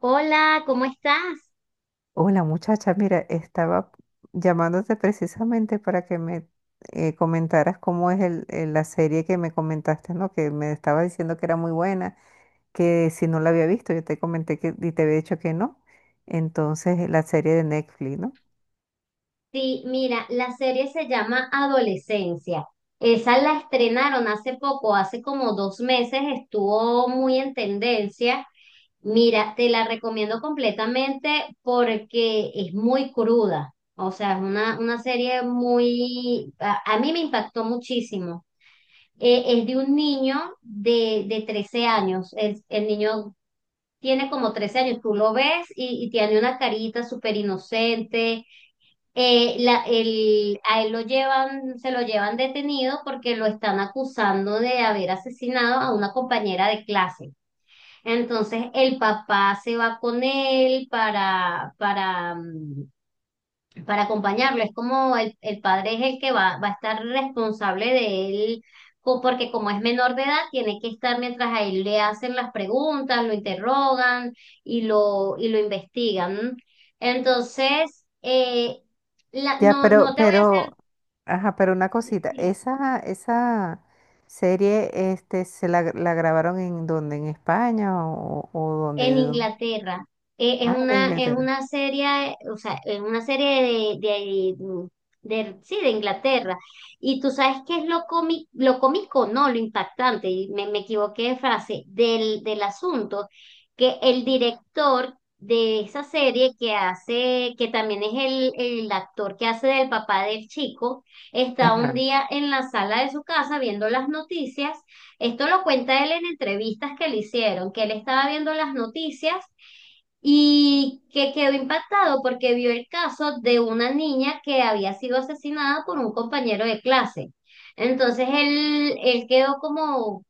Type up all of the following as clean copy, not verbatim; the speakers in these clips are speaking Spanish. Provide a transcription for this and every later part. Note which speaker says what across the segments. Speaker 1: Hola, ¿cómo estás?
Speaker 2: Hola muchacha, mira, estaba llamándote precisamente para que me comentaras cómo es la serie que me comentaste, ¿no? Que me estaba diciendo que era muy buena, que si no la había visto, yo te comenté que y te había dicho que no. Entonces, la serie de Netflix, ¿no?
Speaker 1: Sí, mira, la serie se llama Adolescencia. Esa la estrenaron hace poco, hace como dos meses, estuvo muy en tendencia. Mira, te la recomiendo completamente porque es muy cruda. O sea, es una serie muy A mí me impactó muchísimo. Es de un niño de 13 años. El niño tiene como 13 años, tú lo ves y tiene una carita súper inocente. A él lo llevan, se lo llevan detenido porque lo están acusando de haber asesinado a una compañera de clase. Entonces el papá se va con él para para acompañarlo. Es como el padre es el que va, va a estar responsable de él, porque como es menor de edad, tiene que estar mientras a él le hacen las preguntas, lo interrogan y y lo investigan. Entonces,
Speaker 2: Ya,
Speaker 1: no, no te voy a
Speaker 2: ajá, pero una cosita,
Speaker 1: hacer
Speaker 2: esa serie, este, ¿se la grabaron en dónde? ¿En España o dónde?
Speaker 1: en
Speaker 2: ¿De dónde?
Speaker 1: Inglaterra.
Speaker 2: Ah, de
Speaker 1: Es
Speaker 2: Inglaterra.
Speaker 1: una serie, o sea, es una serie de, de, mm, sí, de Inglaterra. Y tú sabes qué es lo cómico, no, lo impactante, y me equivoqué de frase, del asunto, que el director de esa serie que hace, que también es el actor que hace del papá del chico, está un
Speaker 2: Ajá,
Speaker 1: día en la sala de su casa viendo las noticias. Esto lo cuenta él en entrevistas que le hicieron, que él estaba viendo las noticias y que quedó impactado porque vio el caso de una niña que había sido asesinada por un compañero de clase. Entonces él quedó como,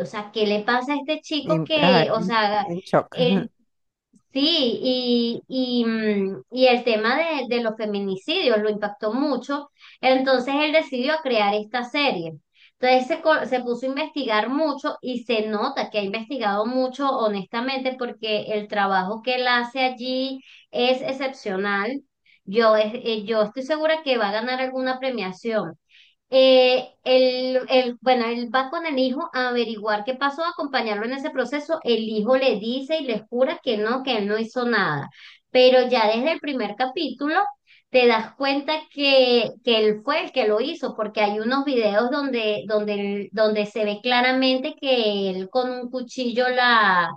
Speaker 1: o sea, ¿qué le pasa a este chico
Speaker 2: ajá,
Speaker 1: que, o
Speaker 2: en,
Speaker 1: sea,
Speaker 2: en shock.
Speaker 1: él? Sí, y y el tema de los feminicidios lo impactó mucho, entonces él decidió crear esta serie. Entonces se puso a investigar mucho y se nota que ha investigado mucho, honestamente, porque el trabajo que él hace allí es excepcional. Yo estoy segura que va a ganar alguna premiación. Bueno, él va con el hijo a averiguar qué pasó, a acompañarlo en ese proceso. El hijo le dice y le jura que no, que él no hizo nada. Pero ya desde el primer capítulo te das cuenta que él fue el que lo hizo, porque hay unos videos donde se ve claramente que él con un cuchillo la,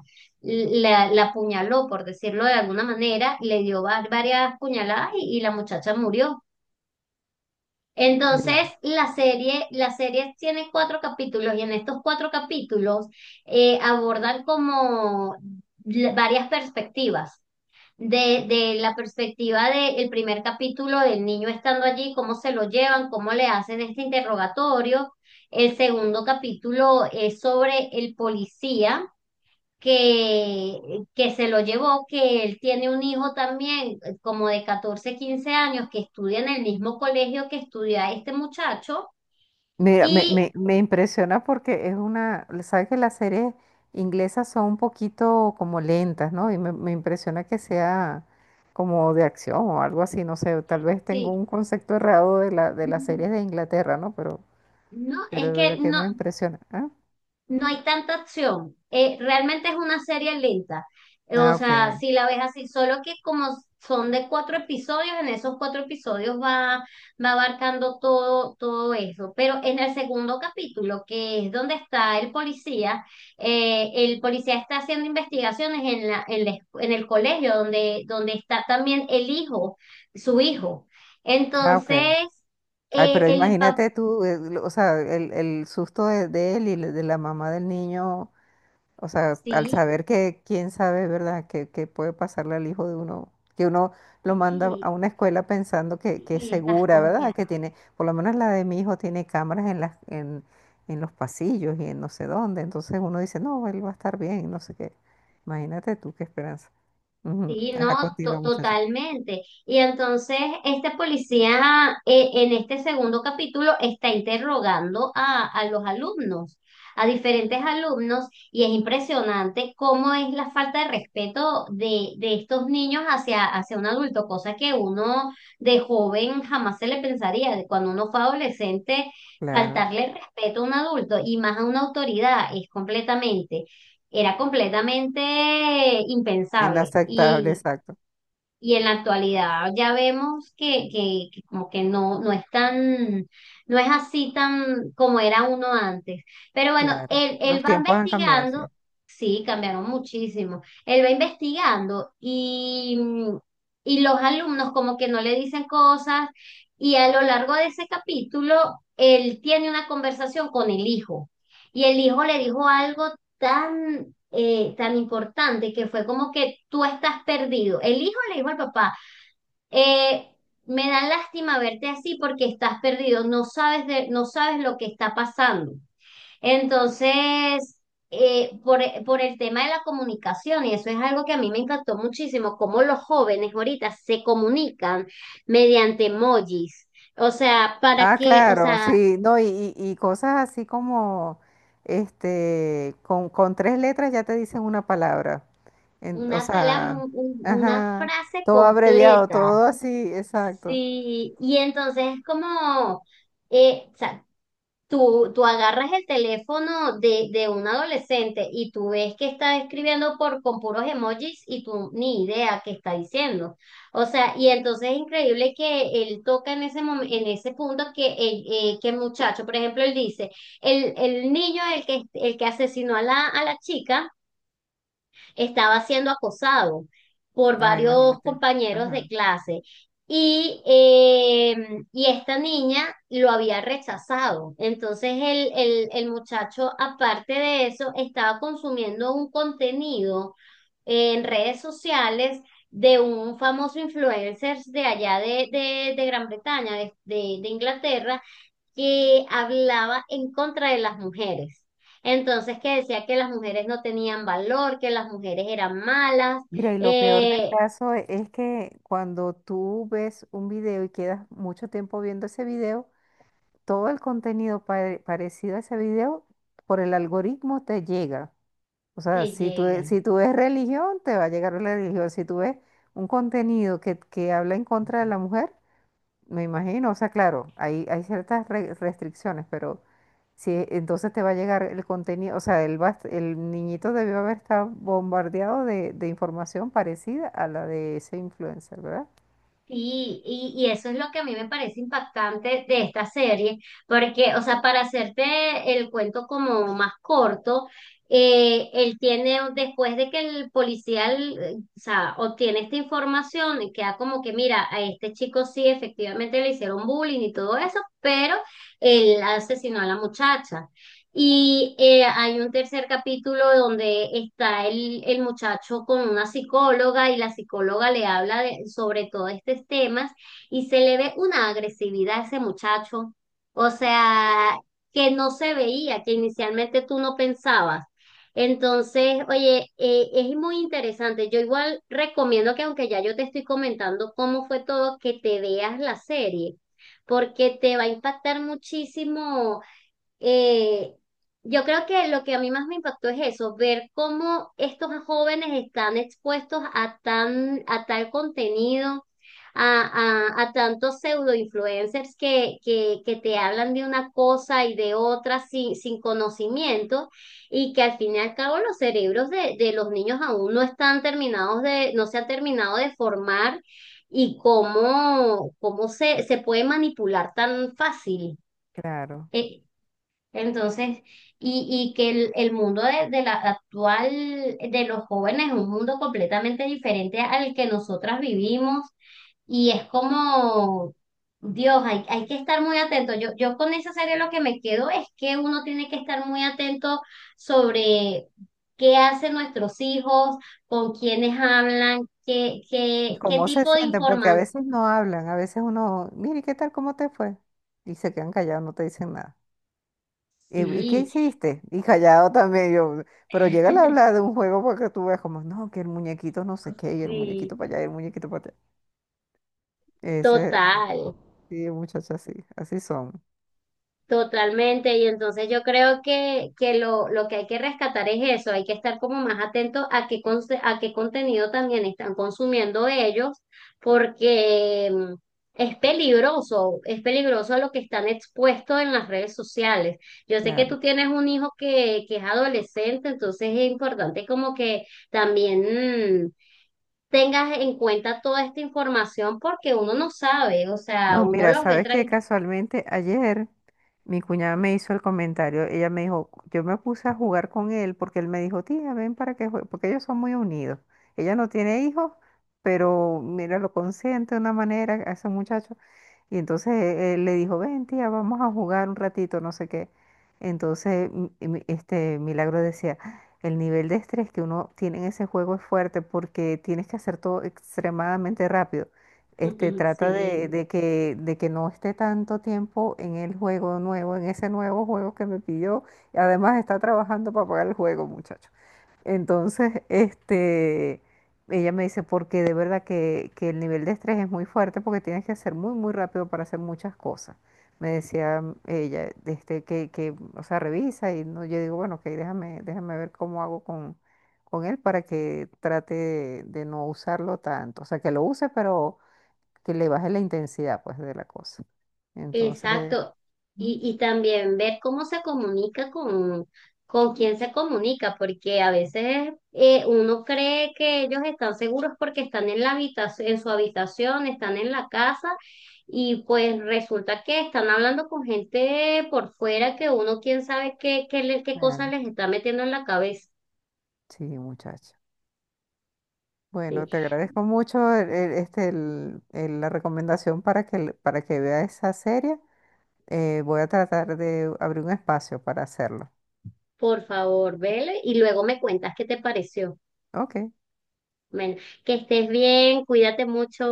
Speaker 1: la, la apuñaló, por decirlo de alguna manera, le dio varias puñaladas y la muchacha murió. Entonces,
Speaker 2: Ya.
Speaker 1: la serie tiene 4 capítulos y en estos 4 capítulos abordan como varias perspectivas. De la perspectiva del primer capítulo del niño estando allí, cómo se lo llevan, cómo le hacen este interrogatorio. El segundo capítulo es sobre el policía que se lo llevó, que él tiene un hijo también, como de 14 15 años, que estudia en el mismo colegio que estudia este muchacho.
Speaker 2: Mira,
Speaker 1: Y
Speaker 2: me impresiona porque es una, sabes que las series inglesas son un poquito como lentas, ¿no? Y me impresiona que sea como de acción o algo así, no sé, tal vez tengo
Speaker 1: sí,
Speaker 2: un concepto errado de la, de las series de Inglaterra, ¿no?
Speaker 1: no,
Speaker 2: Pero
Speaker 1: es
Speaker 2: de
Speaker 1: que
Speaker 2: verdad que
Speaker 1: no,
Speaker 2: me impresiona. Ah,
Speaker 1: no hay tanta acción. Realmente es una serie lenta. O
Speaker 2: ah,
Speaker 1: sea,
Speaker 2: ok,
Speaker 1: si la ves así, solo que como son de 4 episodios, en esos 4 episodios va, va abarcando todo, todo eso. Pero en el segundo capítulo, que es donde está el policía está haciendo investigaciones en en el colegio, donde, donde está también el hijo, su hijo.
Speaker 2: ah, ok.
Speaker 1: Entonces,
Speaker 2: Ay,
Speaker 1: eh,
Speaker 2: pero
Speaker 1: el papá,
Speaker 2: imagínate tú, o sea, el susto de él y de la mamá del niño. O sea, al
Speaker 1: sí,
Speaker 2: saber que quién sabe, ¿verdad?, que puede pasarle al hijo de uno, que uno lo manda a
Speaker 1: sí,
Speaker 2: una escuela pensando que es
Speaker 1: y estás
Speaker 2: segura, ¿verdad? Que
Speaker 1: confiado.
Speaker 2: tiene, por lo menos la de mi hijo tiene cámaras en en los pasillos y en no sé dónde. Entonces uno dice, no, él va a estar bien, no sé qué. Imagínate tú qué esperanza. Ujú.
Speaker 1: Sí,
Speaker 2: Ajá,
Speaker 1: no,
Speaker 2: continúa, muchacha.
Speaker 1: totalmente. Y entonces este policía en este segundo capítulo está interrogando a los alumnos, a diferentes alumnos, y es impresionante cómo es la falta de respeto de estos niños hacia, hacia un adulto, cosa que uno de joven jamás se le pensaría, de cuando uno fue adolescente,
Speaker 2: Claro.
Speaker 1: faltarle respeto a un adulto y más a una autoridad es completamente, era completamente impensable.
Speaker 2: Inaceptable, exacto.
Speaker 1: Y en la actualidad ya vemos que como que no, no es tan, no es así tan como era uno antes. Pero bueno,
Speaker 2: Claro. Los
Speaker 1: él va
Speaker 2: tiempos han cambiado, sí.
Speaker 1: investigando, sí, cambiaron muchísimo. Él va investigando y, y los alumnos como que no le dicen cosas y a lo largo de ese capítulo, él tiene una conversación con el hijo y el hijo le dijo algo tan tan importante que fue como que tú estás perdido. El hijo le dijo al papá, eh, me da lástima verte así porque estás perdido, no sabes de, no sabes lo que está pasando. Entonces, eh, por, por el tema de la comunicación, y eso es algo que a mí me encantó muchísimo, cómo los jóvenes ahorita se comunican mediante emojis. O sea, para
Speaker 2: Ah,
Speaker 1: que, o
Speaker 2: claro,
Speaker 1: sea,
Speaker 2: sí, no, y cosas así como, este, con tres letras ya te dicen una palabra, o
Speaker 1: una palabra,
Speaker 2: sea,
Speaker 1: una
Speaker 2: ajá,
Speaker 1: frase
Speaker 2: todo abreviado,
Speaker 1: completa.
Speaker 2: todo así, exacto.
Speaker 1: Sí, y entonces es como, o sea, tú agarras el teléfono de un adolescente y tú ves que está escribiendo por, con puros emojis y tú ni idea qué está diciendo. O sea, y entonces es increíble que él toca en en ese punto que que el muchacho, por ejemplo, él dice, el niño, el que asesinó a a la chica estaba siendo acosado por
Speaker 2: Ah,
Speaker 1: varios
Speaker 2: imagínate,
Speaker 1: compañeros de
Speaker 2: ajá.
Speaker 1: clase. Y, eh, y esta niña lo había rechazado. Entonces el muchacho, aparte de eso, estaba consumiendo un contenido en redes sociales de un famoso influencer de allá de Gran Bretaña, de Inglaterra, que hablaba en contra de las mujeres. Entonces, que decía que las mujeres no tenían valor, que las mujeres eran malas.
Speaker 2: Mira, y lo peor del
Speaker 1: Eh,
Speaker 2: caso es que cuando tú ves un video y quedas mucho tiempo viendo ese video, todo el contenido parecido a ese video por el algoritmo te llega. O sea,
Speaker 1: Te
Speaker 2: si tú,
Speaker 1: llega.
Speaker 2: si tú ves religión, te va a llegar la religión. Si tú ves un contenido que habla en contra de la mujer, me imagino, o sea, claro, hay ciertas restricciones, pero si entonces te va a llegar el contenido, o sea, él va, el niñito debió haber estado bombardeado de información parecida a la de ese influencer, ¿verdad?
Speaker 1: Sí, y eso es lo que a mí me parece impactante de esta serie, porque, o sea, para hacerte el cuento como más corto, él tiene, después de que el policía, o sea, obtiene esta información, y queda como que, mira, a este chico sí, efectivamente le hicieron bullying y todo eso, pero él asesinó a la muchacha. Y hay un tercer capítulo donde está el muchacho con una psicóloga y la psicóloga le habla sobre todos estos temas y se le ve una agresividad a ese muchacho, o sea, que no se veía, que inicialmente tú no pensabas. Entonces, oye, es muy interesante. Yo igual recomiendo que aunque ya yo te estoy comentando cómo fue todo, que te veas la serie, porque te va a impactar muchísimo. eh, yo creo que lo que a mí más me impactó es eso, ver cómo estos jóvenes están expuestos a tan, a tal contenido, a tantos pseudo influencers que te hablan de una cosa y de otra sin, sin conocimiento, y que al fin y al cabo los cerebros de los niños aún no están terminados de, no se han terminado de formar, y cómo, cómo se puede manipular tan fácil.
Speaker 2: Claro.
Speaker 1: Eh, entonces, y, y que el mundo de la actual, de los jóvenes es un mundo completamente diferente al que nosotras vivimos y es como, Dios, hay que estar muy atento. Yo con esa serie lo que me quedo es que uno tiene que estar muy atento sobre qué hacen nuestros hijos, con quiénes hablan, qué, qué, qué
Speaker 2: ¿Cómo se
Speaker 1: tipo de
Speaker 2: sienten? Porque a
Speaker 1: información.
Speaker 2: veces no hablan, a veces uno, mire, ¿qué tal? ¿Cómo te fue? Y se quedan callados, no te dicen nada. Y qué
Speaker 1: Sí,
Speaker 2: hiciste? Y callado también yo. Pero llega a hablar de un juego porque tú ves como, no, que el muñequito no sé qué, y el
Speaker 1: sí,
Speaker 2: muñequito para allá, y el muñequito para allá. Ese,
Speaker 1: total.
Speaker 2: así, muchachos, así, así son.
Speaker 1: Totalmente, y entonces yo creo que lo que hay que rescatar es eso, hay que estar como más atento a qué, a qué contenido también están consumiendo ellos, porque es peligroso a lo que están expuestos en las redes sociales. Yo sé que
Speaker 2: Claro.
Speaker 1: tú tienes un hijo que es adolescente, entonces es importante como que también... tengas en cuenta toda esta información porque uno no sabe, o sea,
Speaker 2: No,
Speaker 1: uno
Speaker 2: mira,
Speaker 1: los ve
Speaker 2: sabes que
Speaker 1: tranquilos.
Speaker 2: casualmente ayer mi cuñada me hizo el comentario. Ella me dijo, yo me puse a jugar con él porque él me dijo, tía, ven para que juegue, porque ellos son muy unidos. Ella no tiene hijos, pero mira, lo consiente de una manera a ese muchacho. Y entonces él le dijo, ven, tía, vamos a jugar un ratito, no sé qué. Entonces, este Milagro decía, el nivel de estrés que uno tiene en ese juego es fuerte porque tienes que hacer todo extremadamente rápido. Este, trata de,
Speaker 1: Sí.
Speaker 2: de que no esté tanto tiempo en el juego nuevo, en ese nuevo juego que me pidió. Y además está trabajando para pagar el juego, muchacho. Entonces, este, ella me dice, porque de verdad que el nivel de estrés es muy fuerte porque tienes que hacer muy rápido para hacer muchas cosas. Me decía ella, este, o sea, revisa y no, yo digo, bueno, ok, déjame ver cómo hago con él para que trate de no usarlo tanto. O sea, que lo use, pero que le baje la intensidad, pues, de la cosa. Entonces,
Speaker 1: Exacto.
Speaker 2: mm,
Speaker 1: Y también ver cómo se comunica con quién se comunica, porque a veces uno cree que ellos están seguros porque están en la habitación, en su habitación, están en la casa, y pues resulta que están hablando con gente por fuera que uno quién sabe qué, qué, qué cosas
Speaker 2: claro,
Speaker 1: les está metiendo en la cabeza.
Speaker 2: sí, muchacho.
Speaker 1: Sí.
Speaker 2: Bueno, te agradezco mucho este, la recomendación para que, para que vea esa serie. Voy a tratar de abrir un espacio para hacerlo.
Speaker 1: Por favor, vele y luego me cuentas qué te pareció.
Speaker 2: Ok.
Speaker 1: Bueno, que estés bien, cuídate mucho.